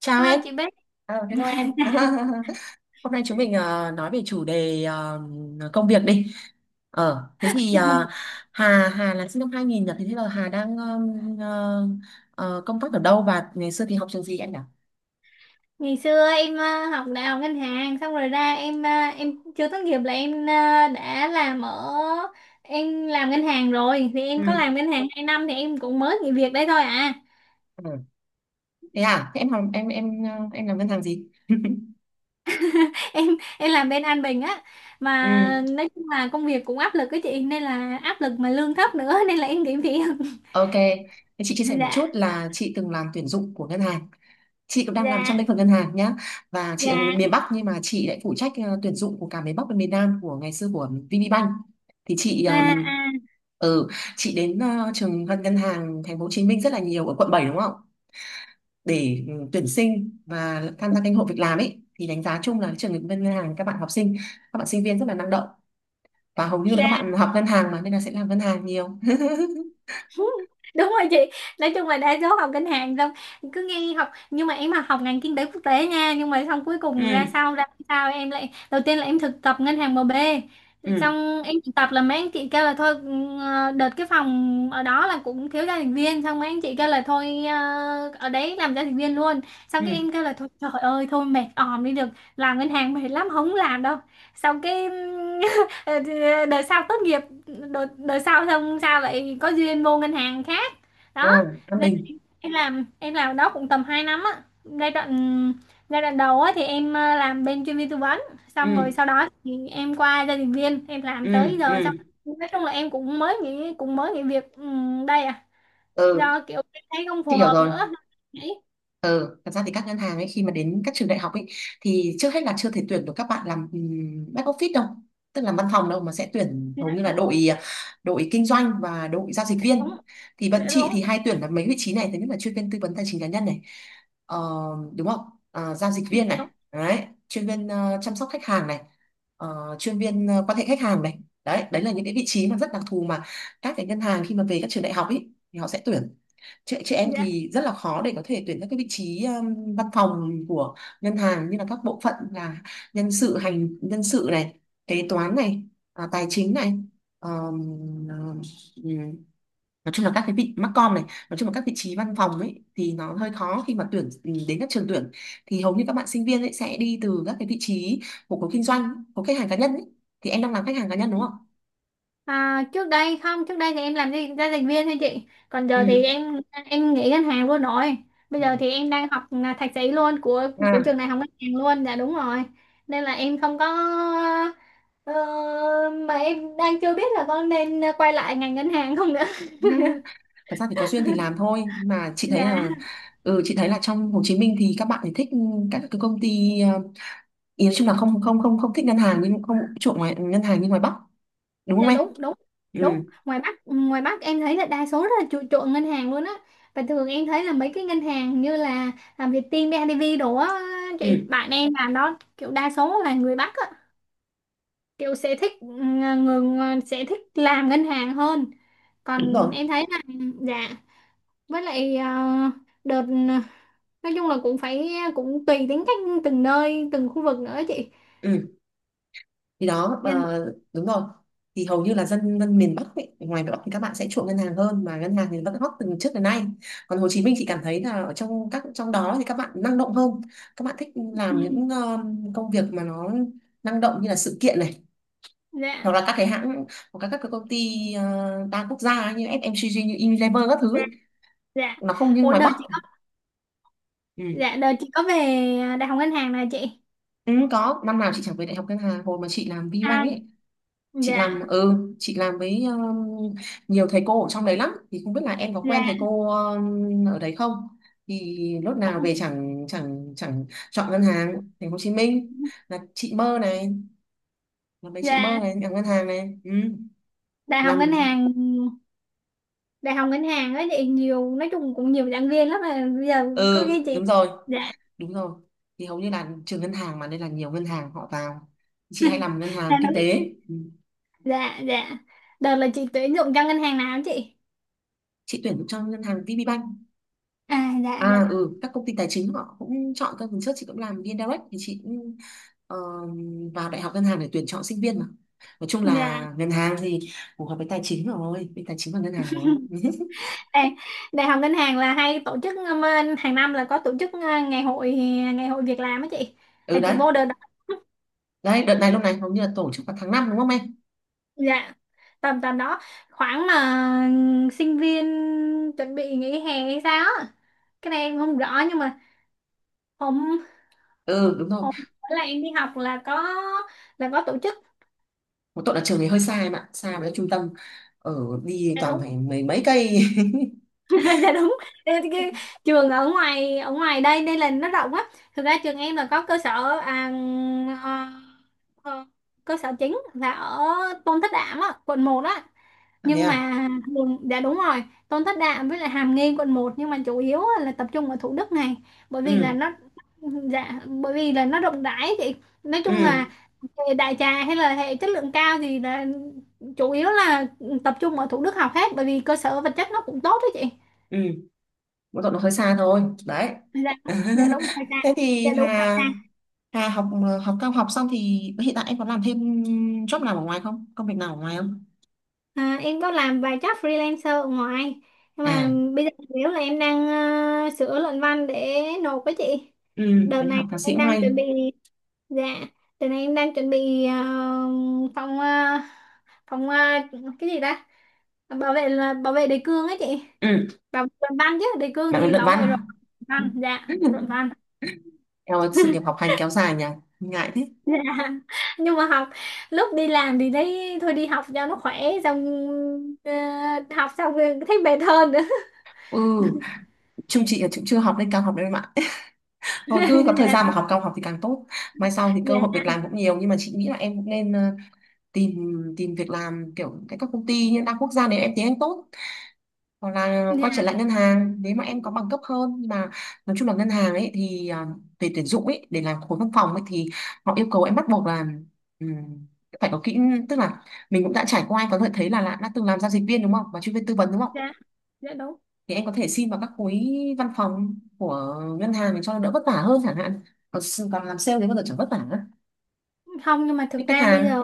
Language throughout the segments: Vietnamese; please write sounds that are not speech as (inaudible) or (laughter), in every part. Chào Hello em, chị Bích. Hello em. (laughs) (laughs) Hôm nay chúng mình nói về chủ đề công việc đi. Thế thì Hà Hà là sinh năm 2000 nhỉ? Thế bây giờ Hà đang công tác ở đâu và ngày xưa thì học trường gì em nhỉ? Ngày xưa em học đại học ngân hàng xong rồi ra em em chưa tốt nghiệp là em đã làm ở em làm ngân hàng rồi thì em có Ừ. làm ngân hàng 2 năm thì em cũng mới nghỉ việc đấy thôi à. Ừ. Thế à? Thế em học em ờ, em làm ngân hàng gì? (laughs) (laughs) em em làm bên An Bình á, mà Ừ. nói chung là công việc cũng áp lực cái chị, nên là áp lực mà lương thấp nữa, (laughs) nên là em nghỉ việc. (laughs) Ok, thế chị chia sẻ một Dạ. chút là chị từng làm tuyển dụng của ngân hàng. Chị cũng đang làm trong Dạ. lĩnh vực ngân hàng nhá. Và chị ở người Dạ. miền Bắc, nhưng mà chị lại phụ trách tuyển dụng của cả miền Bắc và miền Nam của ngày xưa của VPBank. Thì À, à, ừ, chị đến trường ngân ngân hàng thành phố Hồ Chí Minh rất là nhiều ở quận 7 đúng không? Để tuyển sinh và tham gia kênh hội việc làm ấy thì đánh giá chung là trường ngân ngân hàng các bạn học sinh, các bạn sinh viên rất là năng động, và hầu như là các dạ. bạn học ngân hàng mà nên là sẽ làm ngân hàng nhiều. (laughs) (laughs) Đúng rồi chị. Nói chung là đa số học ngân hàng xong cứ nghe học, nhưng mà em mà học ngành kinh tế quốc tế nha, nhưng mà xong cuối cùng Ừ, ra sau ra sao em lại đầu tiên là em thực tập ngân hàng em bê, ừ, xong em thực tập là mấy anh chị kêu là thôi, đợt cái phòng ở đó là cũng thiếu gia đình viên, xong mấy anh chị kêu là thôi, ở đấy làm gia đình viên luôn, xong ừ. cái em kêu là thôi trời ơi thôi mệt òm đi được, làm ngân hàng mệt lắm không làm đâu, xong cái (laughs) đợt sau tốt nghiệp, đợt sau xong sao lại có duyên vô ngân hàng khác Ừ, đó, An nên Bình. em làm, đó cũng tầm 2 năm á. giai đoạn Giai đoạn đầu á thì em làm bên chuyên viên tư vấn, xong rồi Ừ, sau đó thì em qua gia đình viên em làm tới ừ, giờ xong. ừ, Nói chung là em cũng mới nghỉ, việc đây à, ừ, do kiểu em thấy không chị phù hiểu hợp rồi. nữa, đấy. Ừ, thật ra thì các ngân hàng ấy khi mà đến các trường đại học ấy thì trước hết là chưa thể tuyển được các bạn làm back office đâu, tức là văn phòng đâu, mà sẽ tuyển Dạ hầu như là đúng. đội kinh doanh và đội giao dịch Đúng. viên. Thì bọn Dạ chị đúng. thì hay tuyển là mấy vị trí này, thứ nhất là chuyên viên tư vấn tài chính cá nhân này, ờ, đúng không? Giao dịch Dạ viên này, đúng. đấy, chuyên viên chăm sóc khách hàng này, chuyên viên quan hệ khách hàng này, đấy, đấy là những cái vị trí mà rất đặc thù mà các cái ngân hàng khi mà về các trường đại học ấy thì họ sẽ tuyển. Chị em Dạ. thì rất là khó để có thể tuyển các cái vị trí văn phòng của ngân hàng, như là các bộ phận là nhân sự hành nhân sự này, kế toán này, tài chính này, um, um, nói chung là các cái vị MarCom này, nói chung là các vị trí văn phòng ấy thì nó hơi khó khi mà tuyển đến các trường tuyển, thì hầu như các bạn sinh viên ấy sẽ đi từ các cái vị trí của khối kinh doanh, của khách hàng cá nhân ấy. Thì em đang làm khách hàng cá nhân đúng không? À, trước đây không, trước đây thì em làm gì giao dịch viên thôi chị, còn giờ Ừ. thì em nghỉ ngân hàng luôn rồi. Bây giờ thì em đang học là thạc sĩ luôn của À. trường đại học ngân hàng luôn. Dạ đúng rồi. Nên là em không có ờ, mà em đang chưa biết là có nên quay lại ngành ngân hàng không nữa. (laughs) Thật ra thì có duyên thì làm thôi, nhưng mà chị (laughs) thấy Dạ. là trong Hồ Chí Minh thì các bạn thì thích các cái công ty ý nói chung là không không không không thích ngân hàng, nhưng không chuộng ngoài ngân hàng như ngoài Bắc, đúng không Dạ em? đúng. Đúng. đúng Ừ. ngoài Bắc ngoài Bắc em thấy là đa số rất là chuộng, ngân hàng luôn á, và thường em thấy là mấy cái ngân hàng như là làm Vietinbank, BIDV đồ á, chị Ừ, bạn em làm đó kiểu đa số là người Bắc á, kiểu sẽ thích người, sẽ thích làm ngân hàng hơn. đúng Còn rồi. em thấy là dạ, với lại đợt, nói chung là cũng phải, cũng tùy tính cách từng nơi từng khu vực nữa chị. Ừ, thì đó. Nhân. Ờ, đúng rồi. Thì hầu như là dân dân miền Bắc ấy, ngoài Bắc thì các bạn sẽ chuộng ngân hàng hơn, mà ngân hàng thì vẫn hot từ trước đến nay. Còn Hồ Chí Minh, chị cảm thấy là ở trong trong đó thì các bạn năng động hơn, các bạn thích làm Ừ, những công việc mà nó năng động như là sự kiện này, hoặc dạ. là các cái hãng, hoặc là các cái công ty đa quốc gia ấy, như FMCG, như Unilever các thứ Dạ. ấy. Dạ. Nó không như Ủa ngoài đợt Bắc. chị, Ừ. dạ đợt chị có về đại học ngân hàng này chị. ừ, có năm nào chị chẳng về đại học ngân hàng hồi mà chị làm À VBank ấy, chị dạ. làm ừ chị làm với nhiều thầy cô ở trong đấy lắm, thì không biết là em có quen Dạ. thầy cô ở đấy không. Thì lúc nào Cũng. về chẳng chẳng chẳng chọn ngân hàng thành phố Hồ Chí Minh là chị mơ này, là mấy chị mơ Dạ. này làm ngân hàng này. Ừ, đại học làm. ngân hàng đại học ngân hàng ấy chị nhiều, nói chung cũng nhiều giảng viên lắm mà bây giờ có Ừ, khi chị. đúng rồi. Dạ. Đúng rồi. Thì hầu như là trường ngân hàng mà nên là nhiều ngân hàng họ vào, chị hay làm ngân Dạ hàng kinh đúng. tế. Ừ. Dạ. Dạ. Đợt là chị tuyển dụng cho ngân hàng nào hả chị? Chị tuyển cho ngân hàng VPBank. À dạ. À. Dạ. Ừ, các công ty tài chính họ cũng chọn trước chị cũng làm VnDirect, thì chị cũng ờ, vào đại học ngân hàng để tuyển chọn sinh viên mà, nói chung Dạ. là ngân hàng thì phù hợp với tài chính rồi, với tài chính và ngân hàng rồi. (laughs) đại, Đại học ngân hàng là hay tổ chức hàng năm là có tổ chức, ngày hội, việc làm á chị, Ừ, là chị đấy. vô đợt. Đấy, đợt này lúc này hầu như là tổ chức vào tháng 5 đúng không em? Dạ tầm tầm đó, khoảng mà sinh viên chuẩn bị nghỉ hè hay sao á. Cái này em không rõ, nhưng mà hôm Ừ, đúng rồi. hôm bữa là em đi học là có tổ chức. Một tội là trường này hơi xa em ạ, xa với trung tâm ở, đi Dạ toàn đúng. phải mấy mấy cây. (laughs) (laughs) Dạ đúng. Ê, cái, trường ở ngoài, đây đây là nó rộng á, thực ra trường em là có cơ sở, ờ, ờ, cơ sở chính là ở Tôn Thất Đạm á quận một á, À, thế nhưng à. mà dạ đúng rồi. Tôn Thất Đạm với lại Hàm Nghi quận một, nhưng mà chủ yếu á là tập trung ở Thủ Đức này, bởi Ừ, vì là nó, dạ, bởi vì là nó rộng rãi chị. Nói chung là ừ, hệ đại trà hay là hệ chất lượng cao thì là chủ yếu là tập trung ở Thủ Đức học hết, bởi vì cơ sở vật chất nó cũng tốt đó chị. ừ, mỗi tội nó hơi xa thôi đấy. Dạ. (laughs) Dạ đúng rồi. Dạ. Thế Dạ thì đúng rồi. Hà Dạ. Hà học học cao học xong thì hiện tại em có làm thêm job nào ở ngoài không, công việc nào ở ngoài không? À, em có làm vài job freelancer ở ngoài, nhưng mà À. bây giờ nếu là em đang sửa luận văn để nộp với chị, Ừ, đợt em đi này học thạc sĩ em cũng đang hay. chuẩn bị. Dạ, đợt này em đang chuẩn bị phòng ờ, phòng ờ, cái gì ta, bảo vệ là bảo vệ đề cương ấy chị, Ừ, bảo vệ luận văn chứ đề cương bạn bị thì luận bảo vệ rồi. văn. Luận văn, dạ luận (laughs) văn. Em ơi, sự nghiệp học hành kéo dài nhỉ, ngại thế. (laughs) Dạ, nhưng mà học lúc đi làm thì thấy thôi đi học cho nó khỏe, xong ờ, học xong rồi thấy mệt hơn. (laughs) Ừ, chung chị là cũng chưa học lên cao học đâu em ạ. (laughs) (laughs) Thôi cứ có thời gian mà Dạ. học cao học thì càng tốt, mai sau thì cơ hội Dạ. việc làm cũng nhiều, nhưng mà chị nghĩ là em cũng nên tìm tìm việc làm kiểu tại các công ty như đa quốc gia nếu em tiếng Anh tốt, hoặc là quay trở lại ngân hàng nếu mà em có bằng cấp hơn. Nhưng mà nói chung là ngân hàng ấy thì về tuyển dụng ấy để làm khối văn phòng ấy thì họ yêu cầu em bắt buộc là ừm, phải có kỹ, tức là mình cũng đã trải qua, em có thể thấy là đã từng làm giao dịch viên đúng không, và chuyên viên tư vấn đúng không. Dạ. Dạ đúng. Thì em có thể xin vào các khối văn phòng của ngân hàng để cho đỡ vất vả hơn chẳng hạn. Còn làm sale thì bao giờ chẳng vất vả nữa, Không, nhưng mà biết thực khách ra bây hàng. giờ,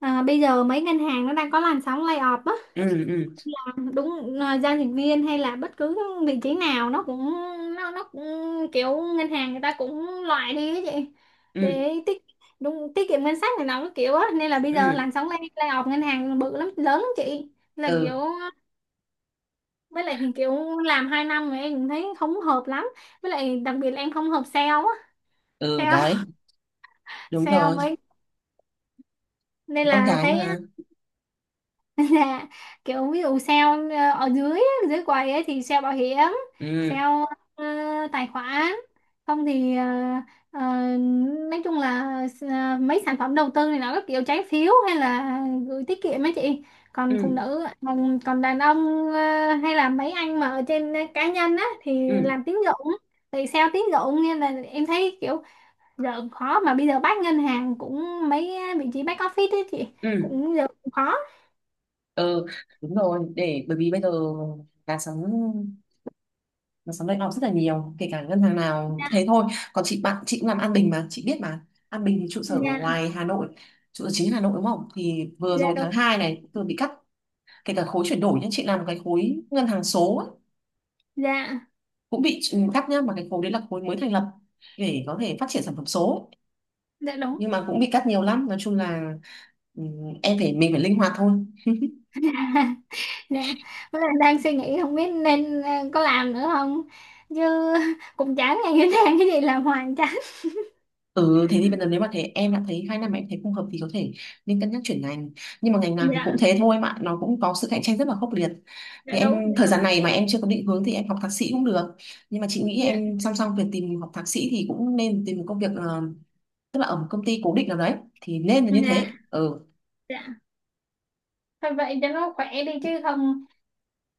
bây giờ mấy ngân hàng nó đang có làn sóng layoff á. Ừ, ừ, À, đúng, giao dịch viên hay là bất cứ vị trí nào nó cũng, nó cũng kiểu ngân hàng người ta cũng loại đi á chị, ừ, để tiết, đúng tiết kiệm ngân sách này nọ cái kiểu á, nên là bây giờ ừ, làn sóng layoff ngân hàng bự lắm lớn lắm chị, là kiểu. ừ, Với lại thì kiểu làm 2 năm mà em cũng thấy không hợp lắm, với lại đặc biệt là em không hợp sale á, ừ, sale đấy, đúng sale rồi. mấy, nên Con là cái thấy á, mà. (laughs) là kiểu ví dụ sale ở dưới á, dưới quầy ấy thì sale bảo hiểm, Ừ, sale ờ, tài khoản, không thì ờ, nói chung là mấy sản phẩm đầu tư này nó các kiểu trái phiếu, hay là gửi tiết kiệm ấy chị. Còn phụ ừ, nữ còn, đàn ông hay là mấy anh mà ở trên, cá nhân á thì ừ, làm tín dụng, thì sale tín dụng, nên là em thấy kiểu giờ cũng khó, mà bây giờ bác ngân hàng cũng mấy vị trí back office ấy chị ừ, cũng giờ cũng khó. ừ, đúng rồi. Để bởi vì bây giờ là sống sóng layoff rất là nhiều, kể cả ngân hàng nào Dạ. thế thôi. Còn chị bạn chị cũng làm An Bình mà chị biết, mà An Bình thì trụ sở ở Dạ. ngoài Hà Nội, trụ sở chính Hà Nội đúng không, thì vừa Dạ rồi tháng đúng. 2 này vừa bị cắt, kể cả khối chuyển đổi nhá, chị làm cái khối ngân hàng số ấy, Dạ. cũng bị cắt nhá, mà cái khối đấy là khối mới thành lập để có thể phát triển sản phẩm số ấy. Dạ đúng. Nhưng mà cũng bị cắt nhiều lắm, nói chung là ừ, em phải mình phải linh hoạt thôi. (laughs) Dạ, với lại đang suy nghĩ không biết nên có làm nữa không, chứ cũng chán, ngày cứ đang cái gì làm hoài chán. Ừ, thế thì bây giờ nếu mà thế em đã thấy 2 năm mà em thấy không hợp thì có thể nên cân nhắc chuyển ngành, nhưng mà ngành nào thì Dạ. cũng thế thôi, mà nó cũng có sự cạnh tranh rất là khốc liệt. Thì Dạ đúng. em Dạ thời đúng. gian này mà em chưa có định hướng thì em học thạc sĩ cũng được, nhưng mà chị nghĩ Dạ. em song song việc tìm học thạc sĩ thì cũng nên tìm một công việc, tức là ở một công ty cố định nào đấy, thì nên là như Dạ. thế. Ừ. Dạ. Thôi vậy cho nó khỏe đi chứ không,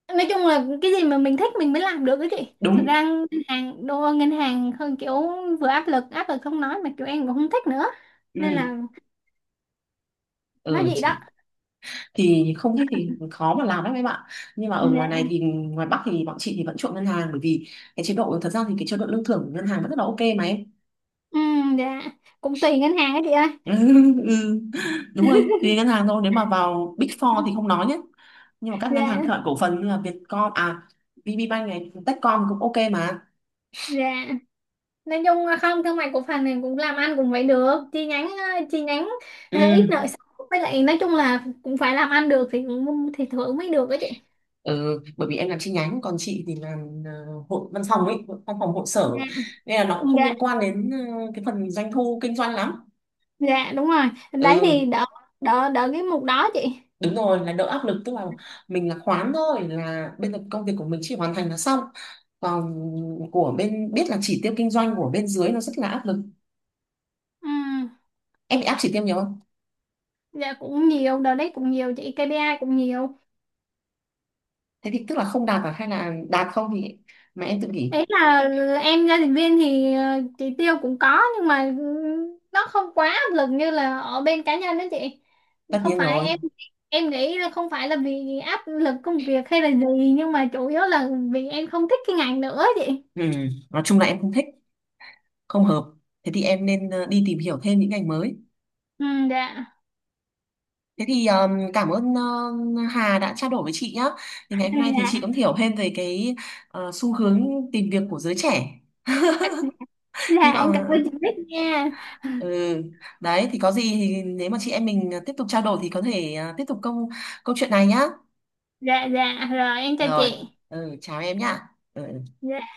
nói chung là cái gì mà mình thích mình mới làm được cái chị, thực Đúng. ra ngân hàng đô ngân hàng hơn kiểu vừa áp lực, không nói mà kiểu em cũng không thích nữa, nên Ừ, là nói ừ. gì đó. Chị thì không thích thì khó mà làm lắm em ạ, nhưng mà ở ngoài này Dạ. thì ngoài Bắc thì bọn chị thì vẫn chuộng ngân hàng, bởi vì cái chế độ, thật ra thì cái chế độ lương thưởng của ngân hàng vẫn rất là ok mà em. Ừ, dạ, cũng tùy ngân hàng á chị ơi. Ừ, ừ. Đúng rồi, tùy ngân hàng thôi, nếu mà vào Big Four thì không nói nhé, nhưng mà các ngân hàng Dạ. thương mại cổ phần như là Vietcom, à VPBank này, Techcom cũng ok mà. Dạ. Nói chung là không, thương mại cổ phần này cũng làm ăn cũng phải được chi nhánh, chi nhánh Ừ. Ít nợ xấu, với lại nói chung là cũng phải làm ăn được thì thì thưởng mới được đó chị. Ừ, bởi vì em làm chi nhánh, còn chị thì làm hội văn phòng ấy, văn phòng hội sở, Dạ. nên là nó cũng không Dạ. liên quan đến cái phần doanh thu kinh doanh lắm. Dạ đúng rồi, đấy Ừ. thì đỡ, đỡ cái mục đó chị. đúng rồi, là đỡ áp lực, tức là mình là khoán thôi, là bên công việc của mình chỉ hoàn thành là xong, còn của bên biết là chỉ tiêu kinh doanh của bên dưới nó rất là áp lực. Ừ, Em bị áp chỉ tiêu nhiều không? dạ cũng nhiều, đợt đấy cũng nhiều chị, KPI cũng nhiều. Thế thì tức là không đạt à, hay là đạt không thì mà em tự nghỉ? Đấy là em gia đình viên thì chỉ tiêu cũng có nhưng mà nó không quá áp lực như là ở bên cá nhân đó chị. Tất Không nhiên phải rồi. em nghĩ là không phải là vì áp lực công việc hay là gì, nhưng mà chủ yếu là vì em không thích cái ngành nữa chị. Ừ. Nói chung là em không thích, không hợp, thế thì em nên đi tìm hiểu thêm những ngành mới. Ừ, dạ. Thế thì cảm ơn Hà đã trao đổi với chị nhá, thì ngày hôm nay thì chị cũng (laughs) hiểu thêm về cái xu hướng tìm việc của giới trẻ, Dạ, hy dạ em cảm vọng. ơn chị biết nha. Ừ. Đấy thì có gì thì nếu mà chị em mình tiếp tục trao đổi thì có thể tiếp tục câu câu chuyện này nhá. Dạ dạ rồi em chào Rồi, chị. Chào em nhá. Ừ. Dạ.